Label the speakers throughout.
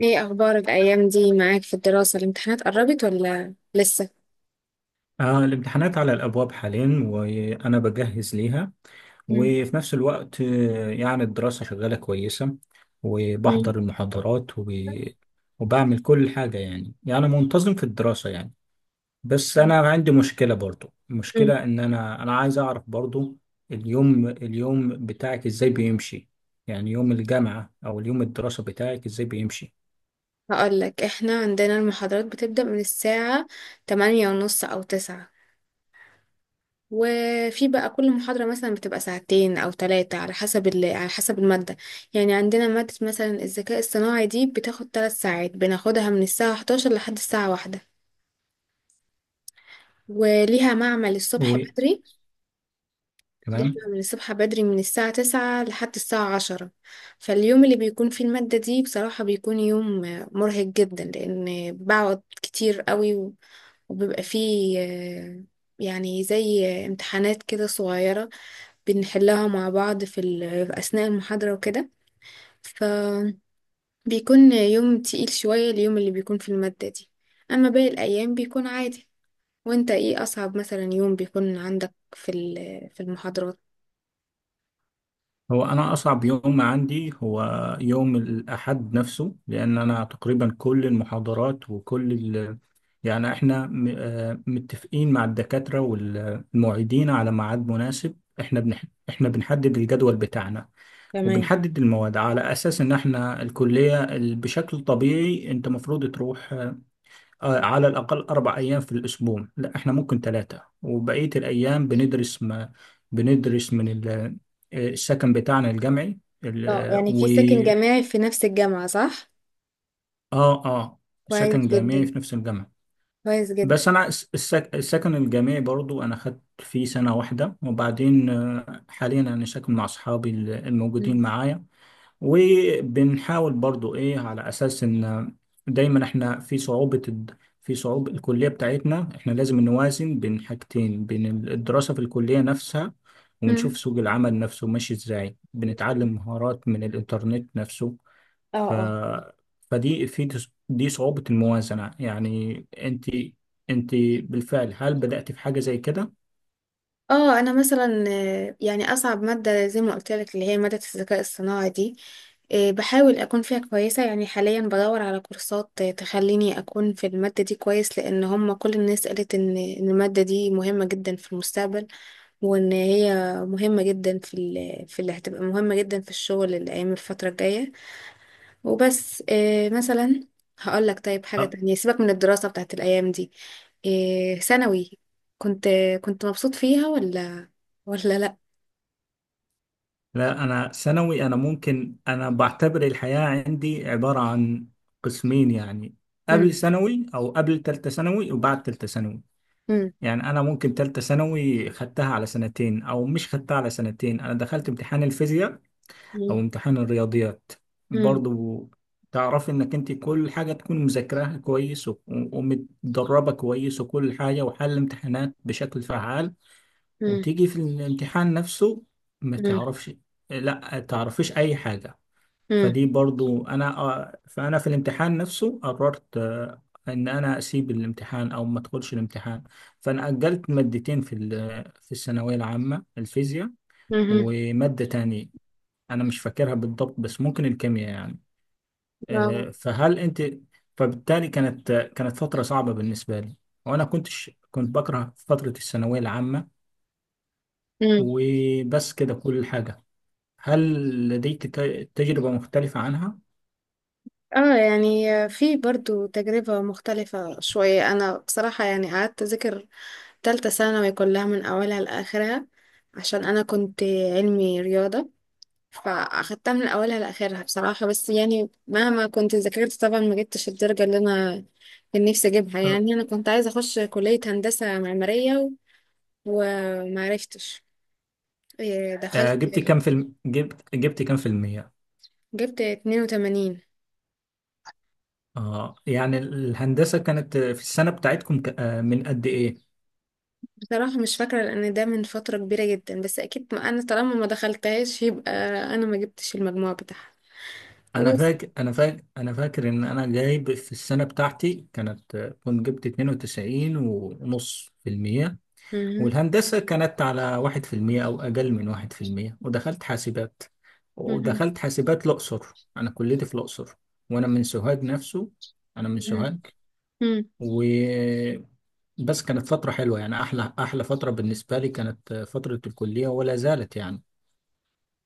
Speaker 1: ايه اخبار الايام دي معاك في الدراسة؟ الامتحانات قربت ولا لسه؟
Speaker 2: الامتحانات على الأبواب حاليا، وأنا بجهز ليها.
Speaker 1: مم.
Speaker 2: وفي نفس الوقت يعني الدراسة شغالة كويسة،
Speaker 1: مم.
Speaker 2: وبحضر المحاضرات وبعمل كل حاجة، يعني منتظم في الدراسة يعني. بس أنا عندي مشكلة، برضو
Speaker 1: امم
Speaker 2: المشكلة إن أنا عايز أعرف برضو اليوم بتاعك إزاي بيمشي، يعني يوم الجامعة أو اليوم الدراسة بتاعك إزاي بيمشي.
Speaker 1: هقول لك، احنا عندنا المحاضرات بتبدأ من الساعة تمانية ونص او تسعة. وفي بقى كل محاضرة مثلا بتبقى ساعتين او ثلاثة على حسب على حسب المادة. يعني عندنا مادة مثلا الذكاء الصناعي دي بتاخد ثلاث ساعات، بناخدها من الساعة 11 لحد الساعة واحدة، وليها معمل الصبح
Speaker 2: و...
Speaker 1: بدري. دي
Speaker 2: تمام.
Speaker 1: احنا بنصحى بدري من الساعة تسعة لحد الساعة عشرة. فاليوم اللي بيكون فيه المادة دي بصراحة بيكون يوم مرهق جدا، لأن بقعد كتير قوي وبيبقى فيه يعني زي امتحانات كده صغيرة بنحلها مع بعض في أثناء المحاضرة وكده. فبيكون يوم تقيل شوية اليوم اللي بيكون في المادة دي. أما باقي الأيام بيكون عادي. وانت ايه أصعب مثلا يوم بيكون عندك في المحاضرات؟
Speaker 2: هو أنا أصعب يوم عندي هو يوم الأحد نفسه، لأن أنا تقريبا كل المحاضرات وكل يعني إحنا م... آه، متفقين مع الدكاترة والمعيدين على ميعاد مناسب. إحنا إحنا بنحدد الجدول بتاعنا،
Speaker 1: تمام.
Speaker 2: وبنحدد المواد على أساس إن إحنا الكلية بشكل طبيعي أنت مفروض تروح على الأقل 4 أيام في الأسبوع. لا، إحنا ممكن ثلاثة، وبقية الأيام بندرس ما بندرس من السكن بتاعنا الجامعي، ال-
Speaker 1: اه،
Speaker 2: آه،
Speaker 1: يعني
Speaker 2: و
Speaker 1: في سكن جامعي في نفس الجامعة، صح؟
Speaker 2: آه آه،
Speaker 1: كويس
Speaker 2: سكن جامعي
Speaker 1: جدا.
Speaker 2: في نفس الجامعة.
Speaker 1: كويس جدا.
Speaker 2: بس أنا السكن الجامعي برضو، أنا خدت فيه سنة واحدة، وبعدين حاليا أنا ساكن مع أصحابي
Speaker 1: مم.
Speaker 2: الموجودين معايا. وبنحاول برضو ايه، على اساس ان دايما احنا في في صعوبة الكلية بتاعتنا، احنا لازم نوازن بين حاجتين: بين الدراسة في الكلية نفسها، ونشوف
Speaker 1: مم.
Speaker 2: سوق العمل نفسه ماشي ازاي. بنتعلم مهارات من الانترنت نفسه.
Speaker 1: اه،
Speaker 2: ف...
Speaker 1: اه.
Speaker 2: فدي في دي صعوبة الموازنة. يعني انت بالفعل هل بدأت في حاجة زي كده؟
Speaker 1: اه، انا مثلا يعني اصعب مادة زي ما قلت لك اللي هي مادة الذكاء الصناعي دي، بحاول اكون فيها كويسة. يعني حاليا بدور على كورسات تخليني اكون في المادة دي كويس، لان هم كل الناس قالت إن المادة دي مهمة جدا في المستقبل، وان هي مهمة جدا في اللي هتبقى مهمة جدا في الشغل الايام الفترة الجاية. وبس إيه مثلا، هقول لك طيب حاجة تانية. سيبك من الدراسة بتاعت الأيام دي، إيه ثانوي؟ كنت كنت مبسوط فيها ولا ولا لأ؟
Speaker 2: لا، أنا ثانوي، أنا ممكن أنا بعتبر الحياة عندي عبارة عن قسمين يعني:
Speaker 1: مم،
Speaker 2: قبل ثانوي أو قبل تالتة ثانوي، وبعد تالتة ثانوي.
Speaker 1: مم،
Speaker 2: يعني أنا ممكن تالتة ثانوي خدتها على سنتين أو مش خدتها على سنتين. أنا دخلت امتحان الفيزياء أو
Speaker 1: مم،
Speaker 2: امتحان الرياضيات
Speaker 1: مم،
Speaker 2: برضو. تعرف إنك أنت كل حاجة تكون مذاكراها كويس ومتدربة كويس وكل حاجة، وحل امتحانات بشكل فعال،
Speaker 1: مم،
Speaker 2: وتيجي في الامتحان نفسه ما
Speaker 1: مم،
Speaker 2: تعرفش، لا تعرفيش اي حاجة. فدي برضو انا، فانا في الامتحان نفسه قررت ان انا اسيب الامتحان او ما ادخلش الامتحان. فانا اجلت مادتين في في الثانوية العامة: الفيزياء
Speaker 1: مم، مم،
Speaker 2: ومادة تانية انا مش فاكرها بالضبط، بس ممكن الكيمياء يعني.
Speaker 1: واو.
Speaker 2: آه، فهل انت فبالتالي كانت فترة صعبة بالنسبة لي، وانا كنتش كنت بكره فترة الثانوية العامة.
Speaker 1: مم.
Speaker 2: وبس كده كل حاجة. هل لديك تجربة مختلفة عنها؟
Speaker 1: اه، يعني في برضو تجربة مختلفة شوية. أنا بصراحة يعني قعدت أذاكر تالتة ثانوي كلها من أولها لآخرها، عشان أنا كنت علمي رياضة. فاخدتها من اولها لاخرها بصراحه. بس يعني مهما كنت ذاكرت طبعا ما جبتش الدرجه اللي انا كان نفسي اجيبها.
Speaker 2: آه.
Speaker 1: يعني انا كنت عايزه اخش كليه هندسه معماريه وما عرفتش. إيه، دخلت،
Speaker 2: جبت كام في جبت كام في المية؟
Speaker 1: جبت 82.
Speaker 2: اه، يعني الهندسة كانت في السنة بتاعتكم ك... آه، من قد ايه؟
Speaker 1: بصراحه مش فاكره لان ده من فتره كبيره جدا، بس اكيد ما انا طالما ما دخلتهاش يبقى انا ما جبتش المجموع بتاعها.
Speaker 2: انا
Speaker 1: وبس.
Speaker 2: فاكر انا فاكر انا فاكر ان انا جايب في السنة بتاعتي، كانت كنت جبت 92 ونص في المية.
Speaker 1: مهم.
Speaker 2: والهندسة كانت على واحد في المية او اقل من واحد في المية، ودخلت حاسبات،
Speaker 1: مهم.
Speaker 2: ودخلت حاسبات الاقصر. انا كليتي في الاقصر، وانا من سوهاج نفسه. انا من سوهاج
Speaker 1: مهم.
Speaker 2: وبس. كانت فترة حلوة، يعني أحلى أحلى فترة بالنسبة لي كانت فترة الكلية، ولا زالت يعني.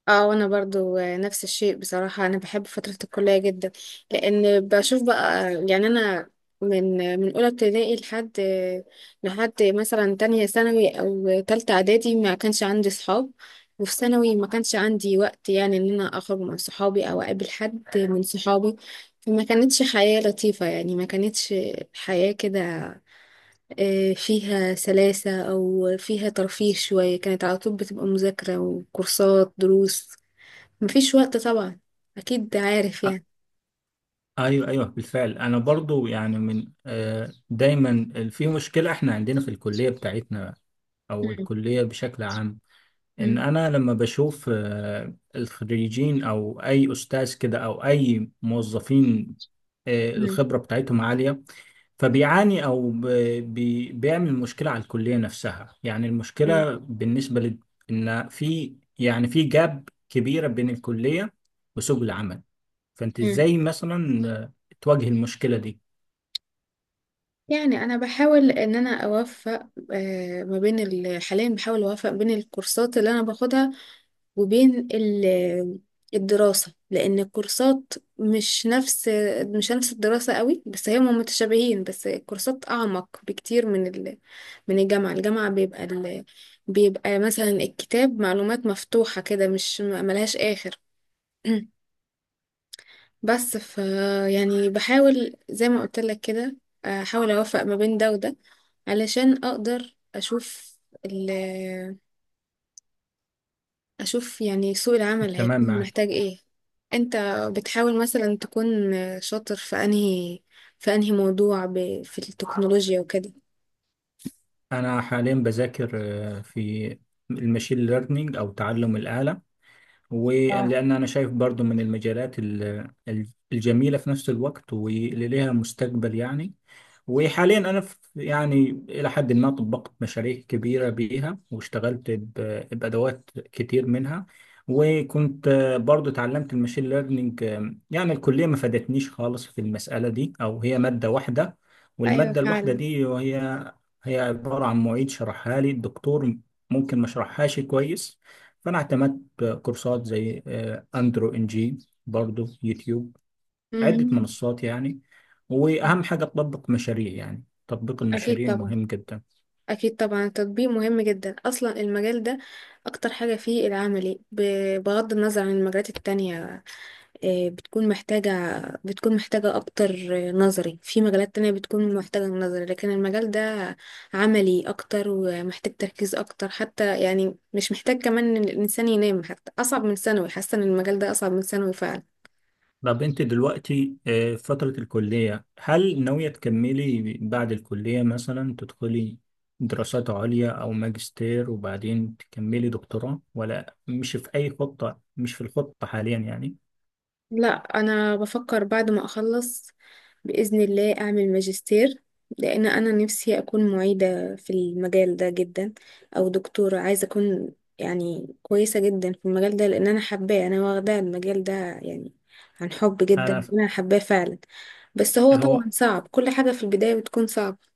Speaker 1: اه، وانا برضو نفس الشيء. بصراحة انا بحب فترة الكلية جدا، لان بشوف بقى. يعني انا من اولى ابتدائي لحد لحد مثلا تانية ثانوي او تالتة اعدادي ما كانش عندي صحاب. وفي ثانوي ما كانش عندي وقت يعني ان انا اخرج مع صحابي او اقابل حد من صحابي. فما كانتش حياة لطيفة، يعني ما كانتش حياة كده فيها سلاسة او فيها ترفيه شوية. كانت على طول بتبقى مذاكرة وكورسات دروس، مفيش وقت طبعا، اكيد عارف
Speaker 2: أ-
Speaker 1: يعني.
Speaker 2: أيوه، أيوه، بالفعل. أنا برضو يعني من دايما في مشكلة. إحنا عندنا في الكلية بتاعتنا أو
Speaker 1: مم.
Speaker 2: الكلية بشكل عام، إن
Speaker 1: مم.
Speaker 2: أنا لما بشوف الخريجين أو أي أستاذ كده أو أي موظفين،
Speaker 1: مم.
Speaker 2: الخبرة بتاعتهم عالية، فبيعاني بيعمل مشكله على الكليه نفسها. يعني
Speaker 1: مم.
Speaker 2: المشكله بالنسبه ان في، يعني في جاب كبيره بين الكليه وسوق العمل. فانت
Speaker 1: مم.
Speaker 2: ازاي مثلا تواجه المشكله دي؟
Speaker 1: يعني انا بحاول ان انا اوفق ما بين حاليا بحاول اوفق بين الكورسات اللي انا باخدها وبين الدراسة. لان الكورسات مش نفس مش نفس الدراسة قوي، بس هم متشابهين. بس الكورسات اعمق بكتير من الجامعة. الجامعة بيبقى مثلا الكتاب معلومات مفتوحة كده مش ملهاش اخر. بس ف يعني بحاول زي ما قلت لك كده، احاول اوفق ما بين ده وده علشان اقدر اشوف ال اشوف يعني سوق العمل
Speaker 2: تمام،
Speaker 1: هيكون
Speaker 2: معاك.
Speaker 1: محتاج ايه. انت بتحاول مثلا تكون شاطر في انهي في انهي موضوع في التكنولوجيا وكده؟
Speaker 2: انا حاليا بذاكر في المشين ليرنينج او تعلم الاله،
Speaker 1: اه،
Speaker 2: ولأن أنا شايف برضو من المجالات الجميلة في نفس الوقت، واللي ليها مستقبل يعني. وحاليا أنا في يعني إلى حد ما طبقت مشاريع كبيرة بيها، واشتغلت بأدوات كتير منها. وكنت برضو اتعلمت الماشين ليرنينج. يعني الكلية ما فادتنيش خالص في المسألة دي، أو هي مادة واحدة،
Speaker 1: ايوه
Speaker 2: والمادة الواحدة
Speaker 1: فعلا.
Speaker 2: دي هي عبارة عن معيد شرحها لي الدكتور، ممكن ما شرحهاش كويس. فأنا اعتمدت كورسات زي اندرو ان جي، برضو يوتيوب، عدة
Speaker 1: مهم.
Speaker 2: منصات يعني. واهم حاجة تطبق مشاريع، يعني تطبيق
Speaker 1: اكيد
Speaker 2: المشاريع
Speaker 1: طبعا،
Speaker 2: مهم جدا.
Speaker 1: اكيد طبعا التطبيق مهم جدا. اصلا المجال ده اكتر حاجه فيه العملي، بغض النظر عن المجالات التانية. آه، بتكون محتاجة بتكون محتاجة أكتر نظري في مجالات تانية بتكون محتاجة نظري، لكن المجال ده عملي أكتر ومحتاج تركيز أكتر حتى. يعني مش محتاج كمان إن الإنسان ينام. حتى أصعب من ثانوي، حاسة إن المجال ده أصعب من ثانوي فعلا.
Speaker 2: طب انت دلوقتي في فترة الكلية، هل ناوية تكملي بعد الكلية مثلا تدخلي دراسات عليا او ماجستير، وبعدين تكملي دكتوراه، ولا مش في اي خطة؟ مش في الخطة حاليا يعني.
Speaker 1: لا، أنا بفكر بعد ما أخلص بإذن الله أعمل ماجستير، لأن أنا نفسي أكون معيدة في المجال ده جدا، أو دكتورة. عايزة أكون يعني كويسة جدا في المجال ده، لأن أنا حباه. أنا واخدة المجال ده يعني عن حب
Speaker 2: انا
Speaker 1: جدا،
Speaker 2: ف-
Speaker 1: أنا حباه فعلا. بس هو
Speaker 2: هو
Speaker 1: طبعا صعب، كل حاجة في البداية بتكون صعبة.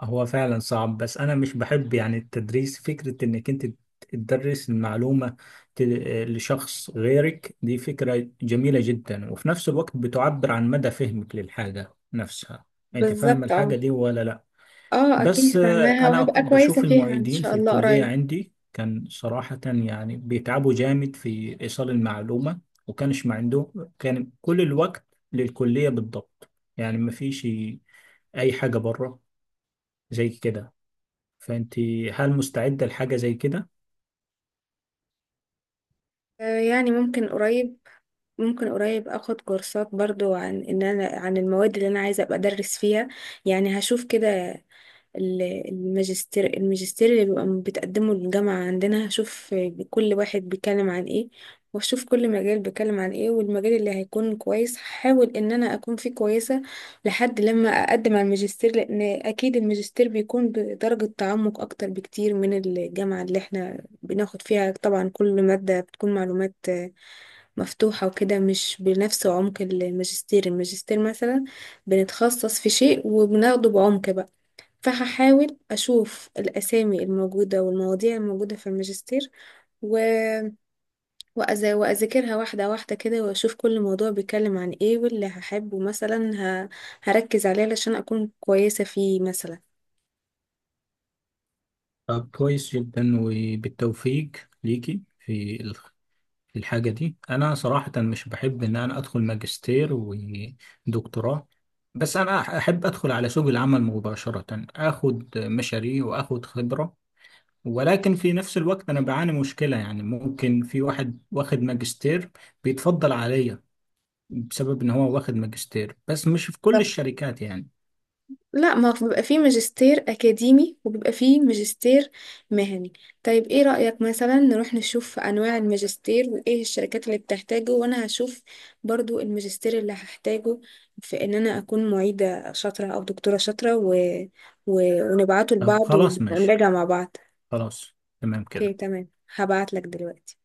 Speaker 2: هو فعلا صعب، بس انا مش بحب يعني التدريس. فكرة انك انت تدرس المعلومة ت- لشخص غيرك، دي فكرة جميلة جدا، وفي نفس الوقت بتعبر عن مدى فهمك للحاجة نفسها. انت فاهم
Speaker 1: بالظبط،
Speaker 2: الحاجة
Speaker 1: اه.
Speaker 2: دي ولا لا.
Speaker 1: اه
Speaker 2: بس
Speaker 1: أكيد فاهماها،
Speaker 2: انا
Speaker 1: وهبقى كويسة
Speaker 2: بشوف
Speaker 1: فيها إن
Speaker 2: المعيدين
Speaker 1: شاء
Speaker 2: في
Speaker 1: الله
Speaker 2: الكلية
Speaker 1: قريب.
Speaker 2: عندي، كان صراحة يعني بيتعبوا جامد في ايصال المعلومة. وكانش ما عندهم كان كل الوقت للكلية بالضبط، يعني ما فيش اي حاجة بره زي كده. فانت هل مستعدة لحاجة زي كده؟
Speaker 1: يعني ممكن قريب، ممكن قريب اخد كورسات برضو عن ان انا عن المواد اللي انا عايزه ابقى ادرس فيها. يعني هشوف كده ال- الماجستير اللي بيبقى بتقدمه الجامعة عندنا. هشوف كل واحد بيتكلم عن ايه، واشوف كل مجال بيتكلم عن ايه، والمجال اللي هيكون كويس هحاول ان انا اكون فيه كويسة لحد لما اقدم على الماجستير. لان اكيد الماجستير بيكون بدرجة تعمق اكتر بكتير من الجامعة. اللي احنا بناخد فيها طبعا كل مادة بتكون معلومات مفتوحة وكده، مش بنفس عمق الماجستير. الماجستير مثلا بنتخصص في شيء وبناخده بعمق بقى. فهحاول أشوف الأسامي الموجودة والمواضيع الموجودة في الماجستير و... وأذاكرها واحدة واحدة كده، وأشوف كل موضوع بيتكلم عن إيه، واللي هحبه مثلا ه... هركز عليه علشان أكون كويسة فيه مثلا.
Speaker 2: طب كويس جدا، وبالتوفيق ليكي في في الحاجة دي. أنا صراحة مش بحب إن أنا أدخل ماجستير ودكتوراه، بس أنا أحب أدخل على سوق العمل مباشرة، أخد مشاريع وأخد خبرة. ولكن في نفس الوقت أنا بعاني مشكلة، يعني ممكن في واحد واخد ماجستير بيتفضل عليا بسبب إن هو واخد ماجستير، بس مش في كل الشركات يعني.
Speaker 1: لا، ما هو بيبقى فيه ماجستير أكاديمي وبيبقى فيه ماجستير مهني. طيب إيه رأيك مثلا نروح نشوف أنواع الماجستير وإيه الشركات اللي بتحتاجه، وأنا هشوف برضو الماجستير اللي هحتاجه في إن أنا أكون معيدة شاطرة أو دكتورة شاطرة، و... ونبعته
Speaker 2: طب
Speaker 1: لبعض
Speaker 2: خلاص، ماشي.
Speaker 1: ونراجع مع بعض.
Speaker 2: خلاص. تمام
Speaker 1: أوكي
Speaker 2: كده.
Speaker 1: تمام، هبعت لك دلوقتي.